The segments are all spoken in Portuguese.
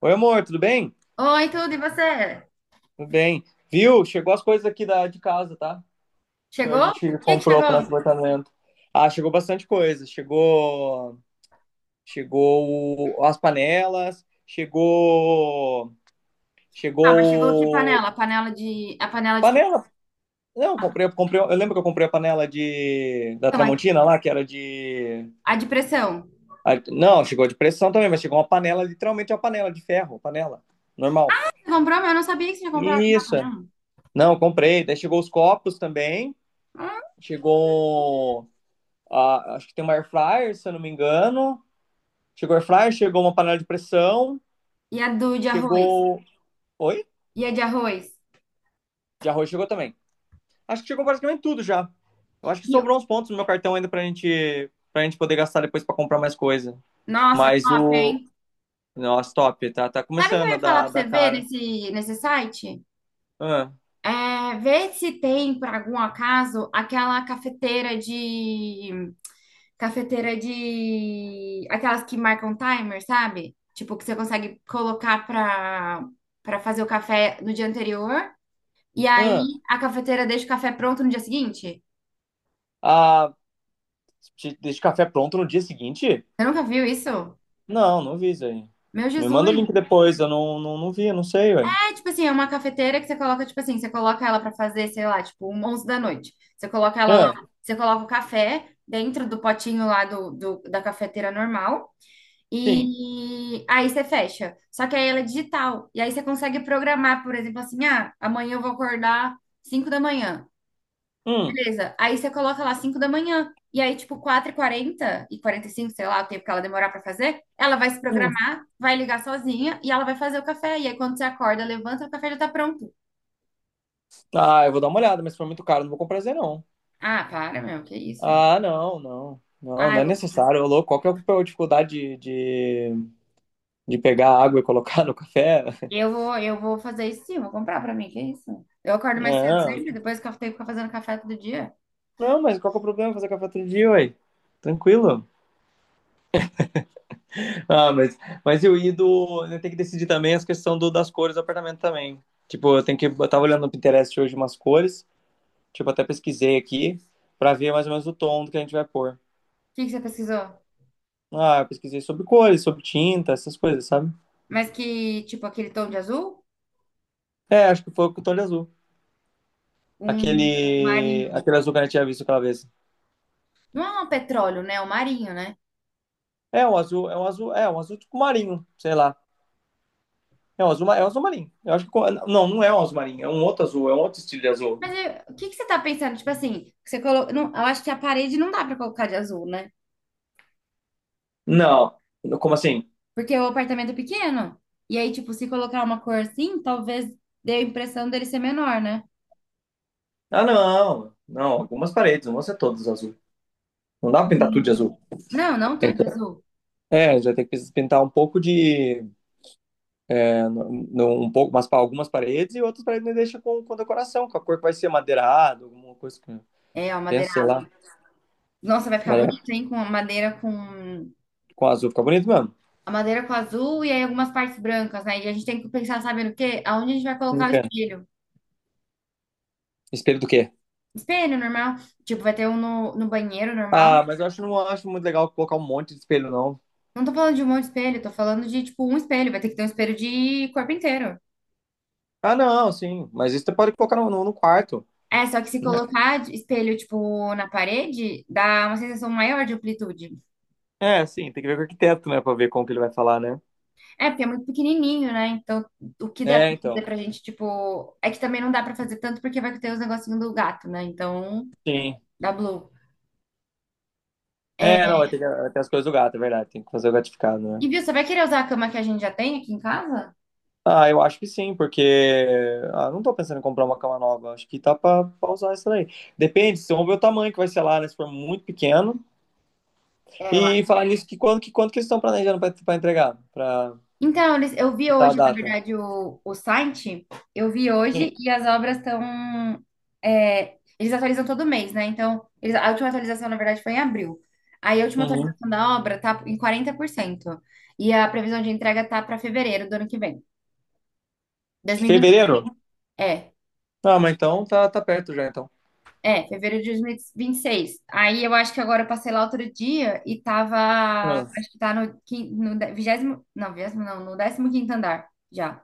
Oi, amor, tudo bem? Oi, tudo, e você? Tudo bem. Viu? Chegou as coisas aqui de casa, tá? Que a Chegou? gente Quem que comprou pro chegou? nosso apartamento. Ah, chegou bastante coisa. Chegou as panelas, chegou, Ah, mas chegou que panela? chegou A panela de pressão, panela. Não, eu comprei, eu lembro que eu comprei a panela de da a Tramontina lá, que era de. a de pressão. Não, chegou de pressão também, mas chegou uma panela, literalmente uma panela de ferro, panela normal. Você comprou, mas eu não sabia que você tinha comprado na Isso. panela. Não, comprei. Daí chegou os copos também. Hum? Chegou. A acho que tem uma air fryer, se eu não me engano. Chegou air fryer, chegou uma panela de pressão, E a do de arroz? chegou. Oi? E a de arroz? De arroz chegou também. Acho que chegou praticamente tudo já. Eu acho que E o- sobrou uns pontos no meu cartão ainda pra gente poder gastar depois pra comprar mais coisa. Nossa, Mas top, o. hein? Nossa, top. Tá, Sabe o que eu começando a ia falar dar, pra você dar ver cara. nesse site? Ah, É, ver se tem, por algum acaso, aquela cafeteira de Aquelas que marcam timer, sabe? Tipo, que você consegue colocar pra fazer o café no dia anterior. E ah. aí a cafeteira deixa o café pronto no dia seguinte. Ah, te deixa o café pronto no dia seguinte? Você nunca viu isso? Não, não vi isso aí. Meu Me manda o Jesus! link depois, eu não vi, eu não sei, ué. É tipo assim, é uma cafeteira que você coloca, tipo assim, você coloca ela pra fazer, sei lá, tipo, um 11 da noite. Você coloca ela lá, Ah, você coloca o café dentro do potinho lá da cafeteira normal. sim. E aí você fecha. Só que aí ela é digital. E aí você consegue programar, por exemplo, assim, ah, amanhã eu vou acordar 5 da manhã. Hum. Beleza. Aí você coloca lá 5 da manhã. E aí, tipo, quatro e quarenta e 45, sei lá, o tempo que ela demorar pra fazer, ela vai se programar, vai ligar sozinha e ela vai fazer o café. E aí, quando você acorda, levanta, o café já tá pronto. Tá, eu vou dar uma olhada, mas se for muito caro, não vou comprar Z, não. Ah, para, meu, que isso? Ah, não, não. Não, Ah, não é eu vou, necessário. Ô, louco, qual que é a dificuldade de, de pegar água e colocar no café? eu vou, eu vou fazer isso sim, vou comprar pra mim, que isso? Eu acordo mais cedo Não, sempre, depois que eu tenho que ficar fazendo café todo dia. O não, mas qual que é o problema fazer café todo dia, ué? Tranquilo. Ah, mas eu ia do. Eu tenho que decidir também as questões das cores do apartamento também. Tipo, eu tenho que. Eu tava olhando no Pinterest hoje umas cores. Tipo, até pesquisei aqui pra ver mais ou menos o tom do que a gente vai pôr. que que você pesquisou? Ah, eu pesquisei sobre cores, sobre tinta, essas coisas, sabe? Mas que, tipo, aquele tom de azul? É, acho que foi com o tom de azul. Um Aquele, marinho. aquele azul que a gente tinha visto aquela vez. Não é um petróleo, né? É um marinho, né? É um azul, é um azul, é um azul tipo marinho, sei lá. É um azul marinho. Eu acho que não, não é um azul marinho, é um outro azul, é um outro estilo de azul. O que que você tá pensando? Tipo assim, Não, eu acho que a parede não dá pra colocar de azul, né? Não, como assim? Porque o apartamento é pequeno. E aí, tipo, se colocar uma cor assim, talvez dê a impressão dele ser menor, né? Ah, não, não. Algumas paredes, não vão ser todas azul. Não dá pra pintar tudo de Sim. azul. Não, não tudo de Então, azul. é, já tem que pintar um pouco de, é, um pouco, mas para algumas paredes e outras paredes deixa com decoração, com a cor que vai ser madeirado, alguma coisa que É, ó, madeira. pensa, sei lá, Nossa, vai ficar mas é, bonito, hein? Com a madeira com. com azul fica bonito mesmo. A madeira com azul e aí algumas partes brancas, né? E a gente tem que pensar, sabe no quê? Aonde a gente vai Não colocar o quero. espelho. Espelho do quê? Espelho normal. Tipo, vai ter um no banheiro normal. Ah, mas eu acho, não acho muito legal colocar um monte de espelho, não. Não tô falando de um monte de espelho, tô falando de, tipo, um espelho. Vai ter que ter um espelho de corpo inteiro. Ah, não, sim. Mas isso você pode colocar no quarto, É, só que se né? colocar espelho, tipo, na parede, dá uma sensação maior de amplitude. É, sim, tem que ver com o arquiteto, né, pra ver como que ele vai falar, né? É, porque é muito pequenininho, né? Então, o que dá É, pra então. fazer pra gente, tipo... É que também não dá pra fazer tanto porque vai ter os negocinhos do gato, né? Então, Sim. dá blue. É, É, não, vai ter as coisas do gato, é verdade. Tem que fazer o gatificado, né? e, viu, você vai querer usar a cama que a gente já tem aqui em casa? Ah, eu acho que sim, porque. Ah, não tô pensando em comprar uma cama nova. Acho que tá pra usar essa daí. Depende, vocês vão ver o tamanho que vai ser lá, né? Se for muito pequeno. É, eu E falar nisso, que quando que eles estão planejando pra entregar? Pra então, eu vi pra a hoje, na data? verdade, o site, eu vi Sim. hoje e as obras estão. É, eles atualizam todo mês, né? Então, a última atualização, na verdade, foi em abril. Aí a última Uhum. atualização da obra tá em 40%. E a previsão de entrega tá para fevereiro do ano que vem. 2020. Fevereiro? É, Ah, mas então tá perto já, então. é, fevereiro de dois mil e vinte e seis. Aí eu acho que agora eu passei lá outro dia e tava. Ah. Acho que tá no 20º. Não, 20º não, no 15º andar. Já.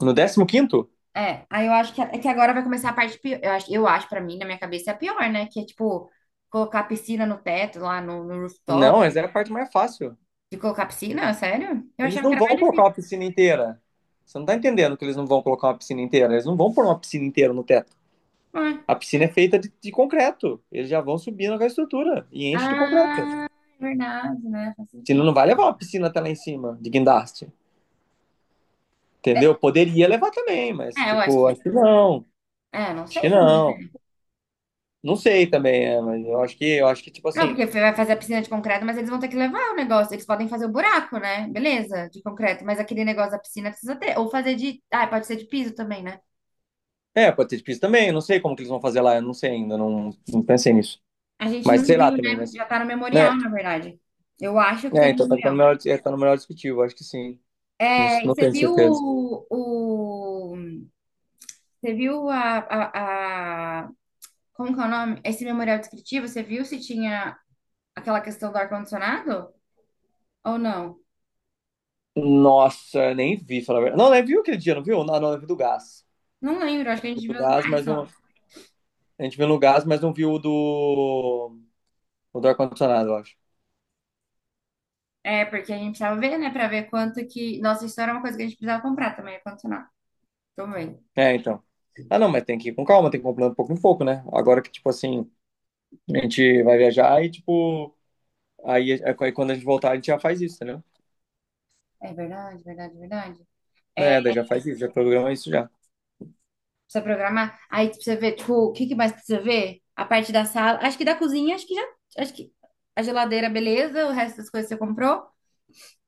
No 15º? É, aí eu acho que, é que agora vai começar a parte pior. Eu acho para mim, na minha cabeça, é a pior, né? Que é tipo, colocar piscina no teto, lá no Não, rooftop. mas é a parte mais fácil. De colocar piscina, sério? Eu Eles achava que não era vão mais colocar difícil. uma piscina inteira. Você não tá entendendo que eles não vão colocar uma piscina inteira. Eles não vão pôr uma piscina inteira no teto. Ah, A piscina é feita de concreto. Eles já vão subindo com a estrutura e enche de concreto. ah, é verdade, né? Faz Senão sentido. não vai levar uma piscina até lá em cima, de guindaste. É, Entendeu? Poderia levar também, mas, é, eu acho tipo, que. acho que não. É, não Acho que sei como. não. Não sei também, é, mas eu acho que, tipo Não, porque assim. vai fazer a piscina de concreto, mas eles vão ter que levar o negócio. Eles podem fazer o buraco, né? Beleza, de concreto. Mas aquele negócio da piscina precisa ter. Ou fazer de. Ah, pode ser de piso também, né? É, pode ter difícil também. Eu não sei como que eles vão fazer lá. Eu não sei ainda. Não, não pensei nisso. A gente Mas não sei lá viu, também, né? mas. Já tá no memorial, É, na verdade. Eu acho que tem é, no então tá no memorial. melhor, é, tá no melhor discutível, acho que sim. Não, É, e não você tenho viu certeza. Você viu a, a, a- como que é o nome? Esse memorial descritivo, você viu se tinha aquela questão do ar-condicionado ou não? Nossa, nem vi, falar a verdade. Não, nem viu aquele dia, não viu? Não, não, eu vi do gás. Não lembro, acho que a gente Do viu os gás, dois mas só. não. A gente viu no gás, mas não viu o do. O do ar-condicionado, eu acho. É, porque a gente precisava ver, né, pra ver quanto que... Nossa, isso era uma coisa que a gente precisava comprar também, ar-condicionado. Também. É, então. Ah, não, mas tem que ir com calma, tem que ir comprando pouco em pouco, né? Agora que, tipo assim, a gente vai viajar e, tipo. Aí, quando a gente voltar, a gente já faz isso, entendeu? É verdade, verdade, verdade. É, É, daí já faz isso, já programa isso já. precisa programar. Aí precisa ver, tipo, o que que mais precisa ver? A parte da sala, acho que da cozinha, acho que já... Acho que a geladeira, beleza, o resto das coisas você comprou.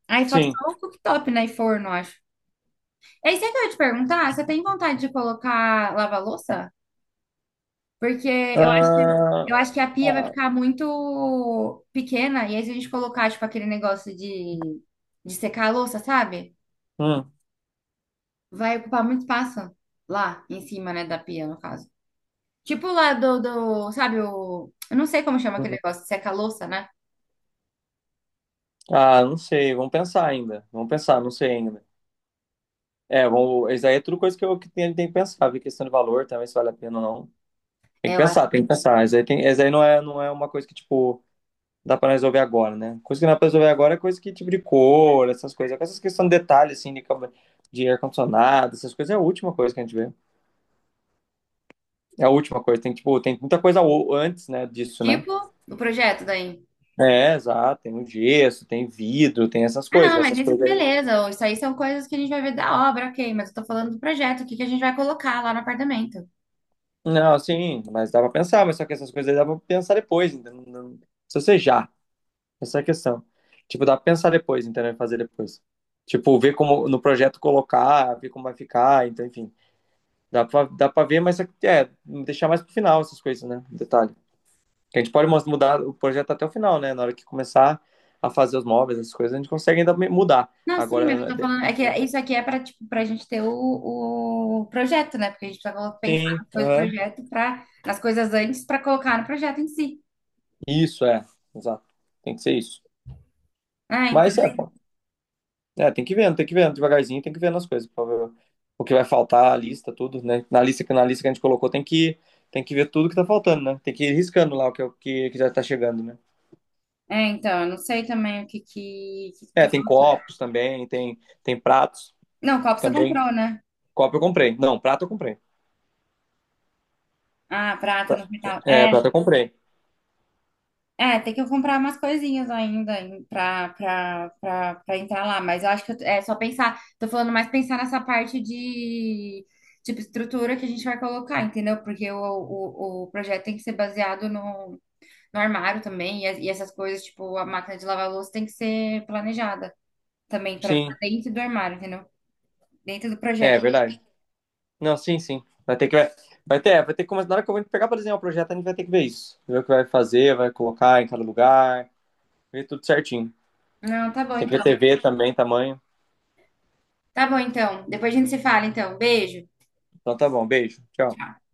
Aí falta Sim. só o cooktop, né? E forno, acho. É isso aí que eu ia te perguntar, você tem vontade de colocar lava-louça? Porque eu acho que, Ah, eu acho que a pia vai ah, ficar muito pequena, e aí se a gente colocar, tipo, aquele negócio de secar a louça, sabe? hum. Vai ocupar muito espaço lá em cima, né, da pia, no caso. Tipo lá do, sabe, o... Eu não sei como chama aquele Hum. negócio de secar a louça, né? Ah, não sei, vamos pensar ainda. Vamos pensar, não sei ainda. É, vamos, isso aí é tudo coisa que eu que tenho, tem que pensar, ver questão de valor também, se vale a pena ou não. Tem É, que eu acho. pensar, tem que pensar. Isso aí, tem, isso aí não é uma coisa que, tipo, dá pra resolver agora, né? Coisa que não dá pra resolver agora é coisa que, tipo, de cor, essas coisas. Essas questões de detalhe, assim, de ar-condicionado, essas coisas é a última coisa que a gente vê. É a última coisa. Tem, tipo, tem muita coisa antes, né, disso, né? Tipo o projeto daí. É, exato. Tem o gesso, tem vidro, tem essas Ah, coisas. não, mas Essas isso coisas. beleza. Isso aí são coisas que a gente vai ver da obra, ok. Mas eu tô falando do projeto, o que que a gente vai colocar lá no apartamento. Não, sim, mas dá pra pensar, mas só que essas coisas aí dá pra pensar depois, entendeu? Se você já, essa é a questão. Tipo, dá pra pensar depois, entendeu? E fazer depois. Tipo, ver como no projeto colocar, ver como vai ficar, então, enfim. Dá pra ver, mas é, deixar mais pro final essas coisas, né? Um detalhe. Que a gente pode mudar o projeto até o final, né? Na hora que começar a fazer os móveis, essas coisas, a gente consegue ainda mudar. Não, sim, mas eu Agora, tô falando. É que isso aqui é pra, tipo, pra gente ter o projeto, né? Porque a gente precisa pensar sim, nas coisas do aham. projeto pra, nas coisas antes pra colocar no projeto em si. Isso, é. Exato. Tem que ser isso. Ah, então. Mas é. É, tem que ir vendo, tem que ir vendo devagarzinho, tem que ir vendo as coisas, pra ver o que vai faltar, a lista, tudo, né? Na lista que a gente colocou tem que ver tudo que tá faltando, né? Tem que ir riscando lá o que, é o que, que já tá chegando, né? É, então, eu não sei também o que que É, tá tem faltando. copos também, tem pratos Não, copo você também. comprou, né? Copo eu comprei. Não, prato eu comprei. Ah, prato no final. É, É. prato eu comprei. É, tem que eu comprar umas coisinhas ainda pra entrar lá, mas eu acho que é só pensar, tô falando mais pensar nessa parte de, tipo, estrutura que a gente vai colocar, entendeu? Porque o projeto tem que ser baseado no armário também, e essas coisas, tipo, a máquina de lavar louça tem que ser planejada também, pra ficar Sim, dentro do armário, entendeu? Dentro do é projeto. verdade. Não, sim, sim. Vai ter que começar na hora que eu vou pegar pra desenhar o projeto, a gente vai ter que ver isso. Ver o que vai fazer, vai colocar em cada lugar, ver tudo certinho. Não, tá bom Tem que ver então. TV também, tamanho. Tá bom então. Depois a gente se fala então. Beijo. Então tá bom, beijo. Tchau. Tchau.